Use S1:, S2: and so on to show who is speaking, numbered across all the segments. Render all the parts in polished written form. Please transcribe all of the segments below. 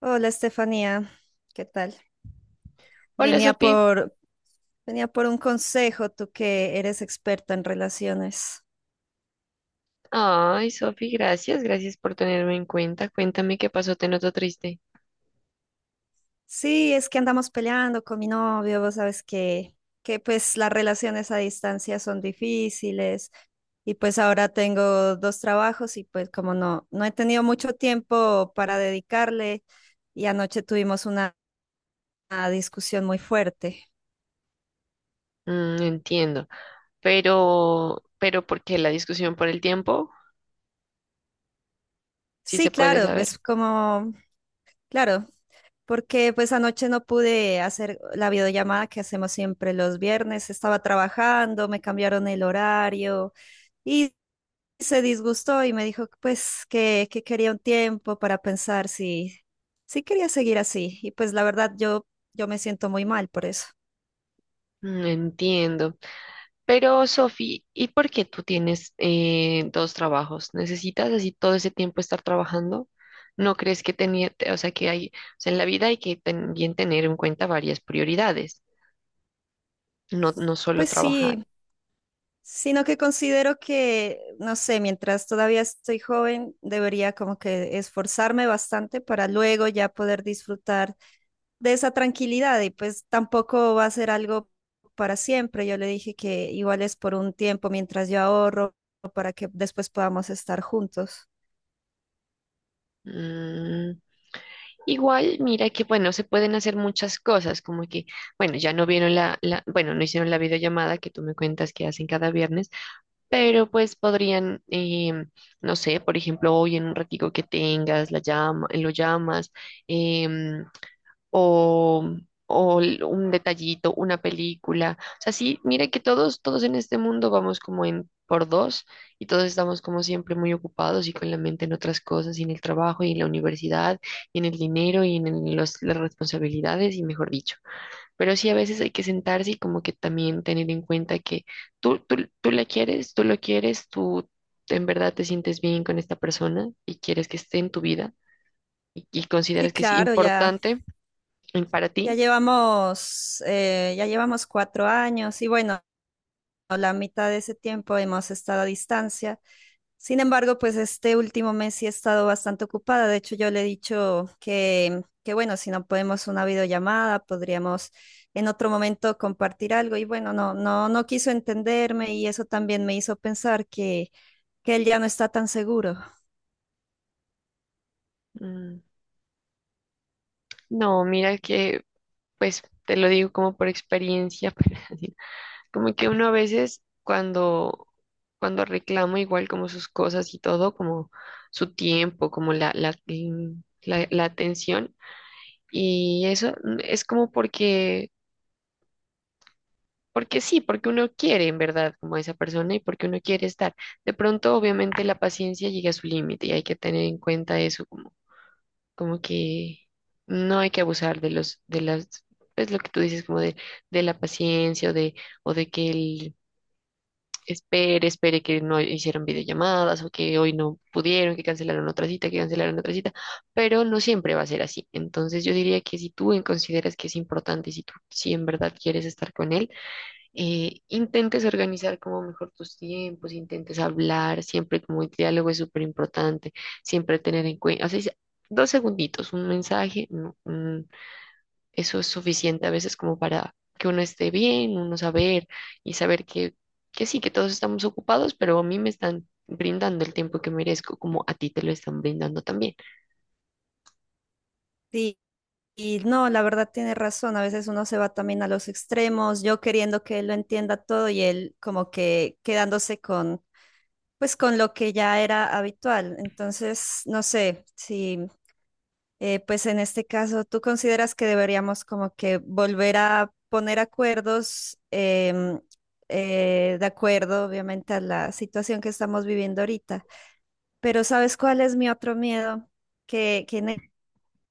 S1: Hola, Estefanía, ¿qué tal?
S2: Hola,
S1: Venía
S2: Sofi.
S1: por, venía por un consejo, tú que eres experta en relaciones.
S2: Ay, Sofi, gracias, gracias por tenerme en cuenta. Cuéntame qué pasó, te noto triste.
S1: Sí, es que andamos peleando con mi novio, vos sabes que pues las relaciones a distancia son difíciles y pues ahora tengo dos trabajos y pues como no he tenido mucho tiempo para dedicarle, y anoche tuvimos una discusión muy fuerte.
S2: Mm, entiendo, pero, ¿por qué la discusión por el tiempo? Sí se
S1: Sí,
S2: puede
S1: claro,
S2: saber.
S1: claro. Porque pues anoche no pude hacer la videollamada que hacemos siempre los viernes. Estaba trabajando, me cambiaron el horario y se disgustó y me dijo pues que quería un tiempo para pensar si quería seguir así. Y pues la verdad yo me siento muy mal por eso.
S2: Mm, entiendo. Pero, Sofi, ¿y por qué tú tienes dos trabajos? ¿Necesitas así todo ese tiempo estar trabajando? ¿No crees que tenía, o sea, que hay, o sea, en la vida hay que también tener en cuenta varias prioridades, no, no solo
S1: Pues
S2: trabajar.
S1: sí, sino que considero que, no sé, mientras todavía estoy joven, debería como que esforzarme bastante para luego ya poder disfrutar de esa tranquilidad, y pues tampoco va a ser algo para siempre. Yo le dije que igual es por un tiempo mientras yo ahorro para que después podamos estar juntos.
S2: Mm, igual, mira que, bueno, se pueden hacer muchas cosas, como que, bueno, ya no vieron bueno, no hicieron la videollamada que tú me cuentas que hacen cada viernes, pero pues podrían, no sé, por ejemplo, hoy en un ratico que tengas, la llama, lo llamas, em, o, un detallito, una película. O sea, sí, mire que todos, todos en este mundo vamos como en por dos y todos estamos como siempre muy ocupados y con la mente en otras cosas, y en el trabajo, y en la universidad, y en el dinero, y en las responsabilidades, y mejor dicho. Pero sí, a veces hay que sentarse y como que también tener en cuenta que tú la quieres, tú lo quieres, tú en verdad te sientes bien con esta persona y quieres que esté en tu vida y
S1: Sí,
S2: consideras que es
S1: claro, ya,
S2: importante para ti.
S1: ya llevamos 4 años y bueno, la mitad de ese tiempo hemos estado a distancia. Sin embargo, pues este último mes sí he estado bastante ocupada. De hecho, yo le he dicho que bueno, si no podemos una videollamada, podríamos en otro momento compartir algo. Y bueno, no quiso entenderme, y eso también me hizo pensar que él ya no está tan seguro.
S2: Mm, no, mira que, pues te lo digo como por experiencia, pero así, como que uno a veces cuando reclama igual como sus cosas y todo, como su tiempo, como la atención y eso es como porque, porque sí, porque uno quiere en verdad como a esa persona y porque uno quiere estar. De pronto, obviamente, la paciencia llega a su límite y hay que tener en cuenta eso como como que no hay que abusar de de las, pues lo que tú dices, como de la paciencia o de que él espere, espere que no hicieron videollamadas o que hoy no pudieron, que cancelaron otra cita, pero no siempre va a ser así. Entonces yo diría que si tú consideras que es importante y si tú, si en verdad quieres estar con él, intentes organizar como mejor tus tiempos, intentes hablar, siempre como el diálogo es súper importante, siempre tener en cuenta, así sea, dos segunditos, un mensaje, no, eso es suficiente a veces como para que uno esté bien, uno saber y saber que sí, que todos estamos ocupados, pero a mí me están brindando el tiempo que merezco, como a ti te lo están brindando también.
S1: Y, y no, la verdad tiene razón. A veces uno se va también a los extremos, yo queriendo que él lo entienda todo y él como que quedándose con, pues con lo que ya era habitual. Entonces, no sé si pues en este caso, ¿tú consideras que deberíamos como que volver a poner acuerdos de acuerdo, obviamente, a la situación que estamos viviendo ahorita? Pero ¿sabes cuál es mi otro miedo? Que en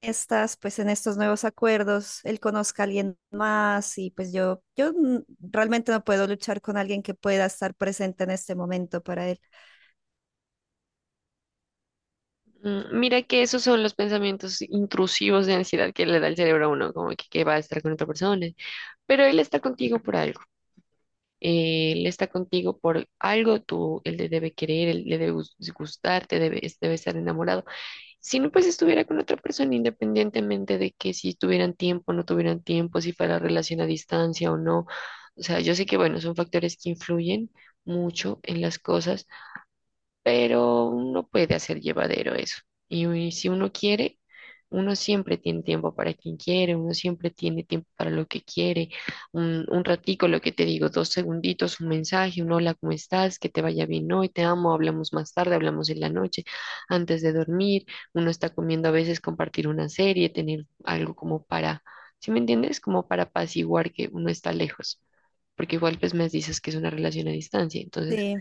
S1: estas, pues en estos nuevos acuerdos, él conozca a alguien más, y pues yo realmente no puedo luchar con alguien que pueda estar presente en este momento para él.
S2: Mm, mira que esos son los pensamientos intrusivos de ansiedad que le da el cerebro a uno, como que va a estar con otra persona, pero él está contigo por algo. Él está contigo por algo, tú, él le debe querer, él le debe gustar, te debe, debe estar enamorado. Si no, pues estuviera con otra persona, independientemente de que si tuvieran tiempo, no tuvieran tiempo, si fuera relación a distancia o no. O sea, yo sé que, bueno, son factores que influyen mucho en las cosas, pero uno puede hacer llevadero eso. Y si uno quiere, uno siempre tiene tiempo para quien quiere, uno siempre tiene tiempo para lo que quiere. Un ratico, lo que te digo, dos segunditos, un mensaje, un hola, ¿cómo estás? Que te vaya bien hoy, te amo, hablamos más tarde, hablamos en la noche, antes de dormir. Uno está comiendo a veces compartir una serie, tener algo como para, ¿sí me entiendes? Como para apaciguar que uno está lejos. Porque igual pues me dices que es una relación a distancia, entonces
S1: Sí,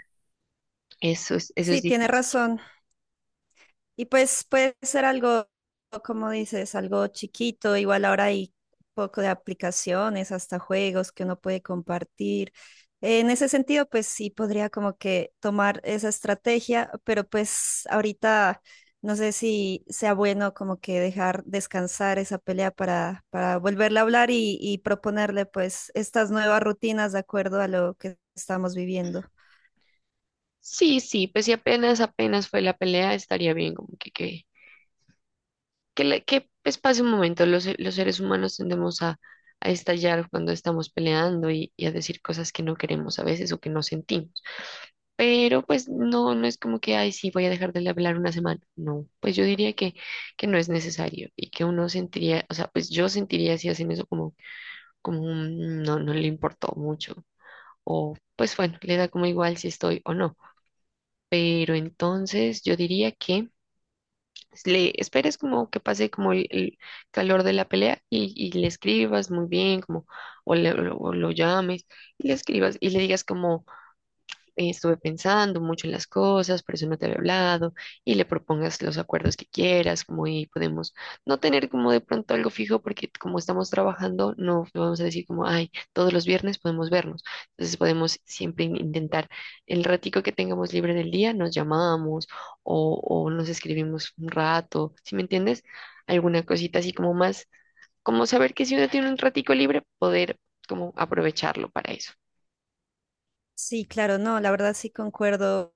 S2: eso es
S1: sí, tiene
S2: difícil.
S1: razón. Y pues puede ser algo, como dices, algo chiquito. Igual ahora hay poco de aplicaciones, hasta juegos que uno puede compartir. En ese sentido, pues sí podría como que tomar esa estrategia, pero pues ahorita no sé si sea bueno como que dejar descansar esa pelea para volverle a hablar y proponerle pues estas nuevas rutinas de acuerdo a lo que estamos viviendo.
S2: Sí, sí, pues si apenas, apenas fue la pelea, estaría bien, como que, que, pues pase un momento, los seres humanos tendemos a estallar cuando estamos peleando y a decir cosas que no queremos a veces o que no sentimos, pero pues no, no es como que, ay, sí, voy a dejar de hablar una semana, no, pues yo diría que no es necesario y que uno sentiría, o sea, pues yo sentiría si hacen eso como, como un, no, no le importó mucho o pues bueno, le da como igual si estoy o no, pero entonces yo diría que... le esperes como que pase como el calor de la pelea y le escribas muy bien, como, o, o lo llames y le escribas y le digas como estuve pensando mucho en las cosas, por eso no te había hablado, y le propongas los acuerdos que quieras, como y podemos no tener como de pronto algo fijo, porque como estamos trabajando, no vamos a decir como, ay, todos los viernes podemos vernos. Entonces podemos siempre intentar el ratico que tengamos libre del día, nos llamamos o nos escribimos un rato, ¿sí me entiendes? Alguna cosita así como más, como saber que si uno tiene un ratico libre, poder como aprovecharlo para eso.
S1: Sí, claro, no, la verdad sí concuerdo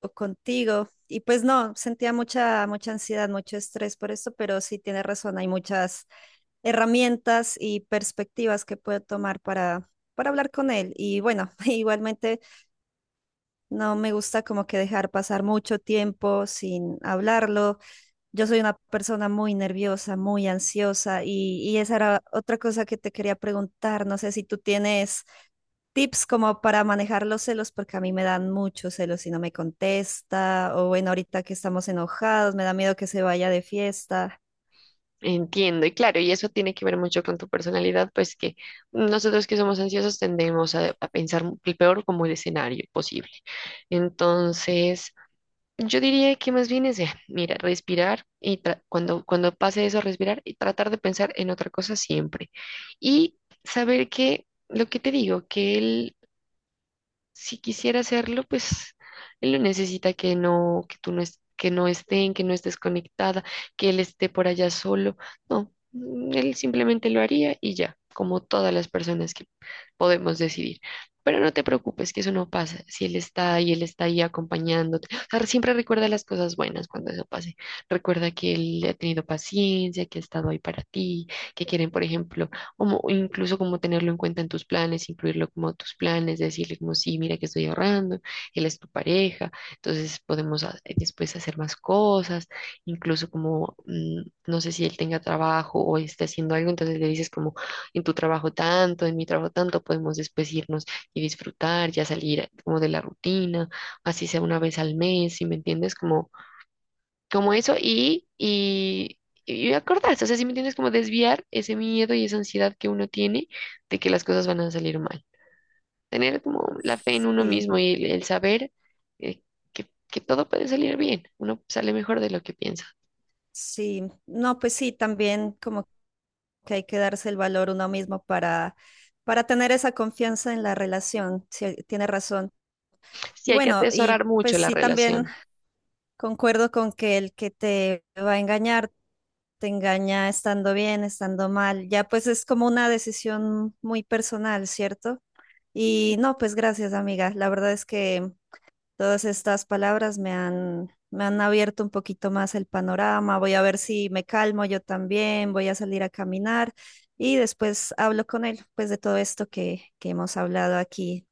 S1: o contigo. Y pues no, sentía mucha ansiedad, mucho estrés por esto, pero sí tienes razón, hay muchas herramientas y perspectivas que puedo tomar para hablar con él. Y bueno, igualmente no me gusta como que dejar pasar mucho tiempo sin hablarlo. Yo soy una persona muy nerviosa, muy ansiosa y esa era otra cosa que te quería preguntar. No sé si tú tienes tips como para manejar los celos, porque a mí me dan muchos celos si no me contesta, o bueno, ahorita que estamos enojados, me da miedo que se vaya de fiesta.
S2: Entiendo, y claro, y eso tiene que ver mucho con tu personalidad, pues que nosotros que somos ansiosos tendemos a pensar el peor como el escenario posible. Entonces, yo diría que más bien es, mira, respirar y cuando, cuando pase eso, respirar y tratar de pensar en otra cosa siempre. Y saber que, lo que te digo, que el si quisiera hacerlo, pues él no necesita que no, que tú no es, que no estén, que no estés conectada, que él esté por allá solo. No, mm, él simplemente lo haría y ya, como todas las personas que podemos decidir. Pero no te preocupes, que eso no pasa. Si él está ahí, él está ahí acompañándote. O sea, siempre recuerda las cosas buenas cuando eso pase. Recuerda que él ha tenido paciencia, que ha estado ahí para ti, que quieren, por ejemplo, o incluso como tenerlo en cuenta en tus planes, incluirlo como tus planes, decirle como sí, mira que estoy ahorrando, él es tu pareja, entonces podemos después hacer más cosas, incluso como no sé si él tenga trabajo o esté haciendo algo, entonces le dices como en tu trabajo tanto, en mi trabajo tanto, podemos después irnos y disfrutar, ya salir como de la rutina, así sea una vez al mes, ¿si me entiendes? Como como eso y acordarse, o sea, si me entiendes, como desviar ese miedo y esa ansiedad que uno tiene de que las cosas van a salir mal. Tener como la fe en uno
S1: Sí,
S2: mismo y el saber eh, que todo puede salir bien, uno sale mejor de lo que piensa.
S1: sí, no, pues sí, también como que hay que darse el valor uno mismo para tener esa confianza en la relación, sí, tiene razón.
S2: Sí,
S1: Y
S2: hay que
S1: bueno,
S2: atesorar
S1: y
S2: mucho
S1: pues
S2: la
S1: sí, también
S2: relación.
S1: concuerdo con que el que te va a engañar, te engaña estando bien, estando mal, ya pues es como una decisión muy personal, ¿cierto? Y no, pues gracias, amiga. La verdad es que todas estas palabras me me han abierto un poquito más el panorama. Voy a ver si me calmo yo también, voy a salir a caminar y después hablo con él, pues de todo esto que hemos hablado aquí.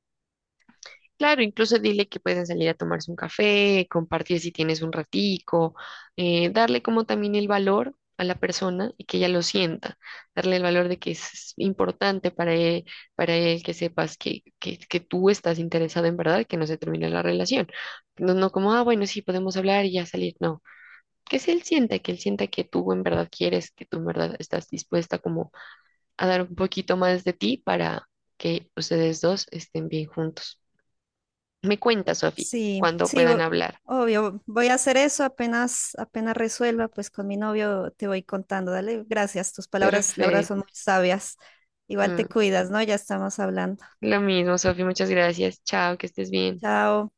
S2: Claro, incluso dile que pueden salir a tomarse un café, compartir si tienes un ratico, darle como también el valor a la persona y que ella lo sienta, darle el valor de que es importante para él que sepas que, que tú estás interesado en verdad, que no se termine la relación. No, no como, ah, bueno, sí, podemos hablar y ya salir, no. Que si él sienta, que él sienta que tú en verdad quieres, que tú en verdad estás dispuesta como a dar un poquito más de ti para que ustedes dos estén bien juntos. Me cuenta, Sofi,
S1: Sí,
S2: cuando
S1: sí,
S2: puedan
S1: o-
S2: hablar.
S1: obvio, voy a hacer eso apenas resuelva, pues con mi novio te voy contando. Dale, gracias. Tus palabras, la verdad, son
S2: Perfecto.
S1: muy sabias. Igual te
S2: Mm,
S1: cuidas, ¿no? Ya estamos hablando.
S2: lo mismo, Sofi, muchas gracias. Chao, que estés bien.
S1: Chao.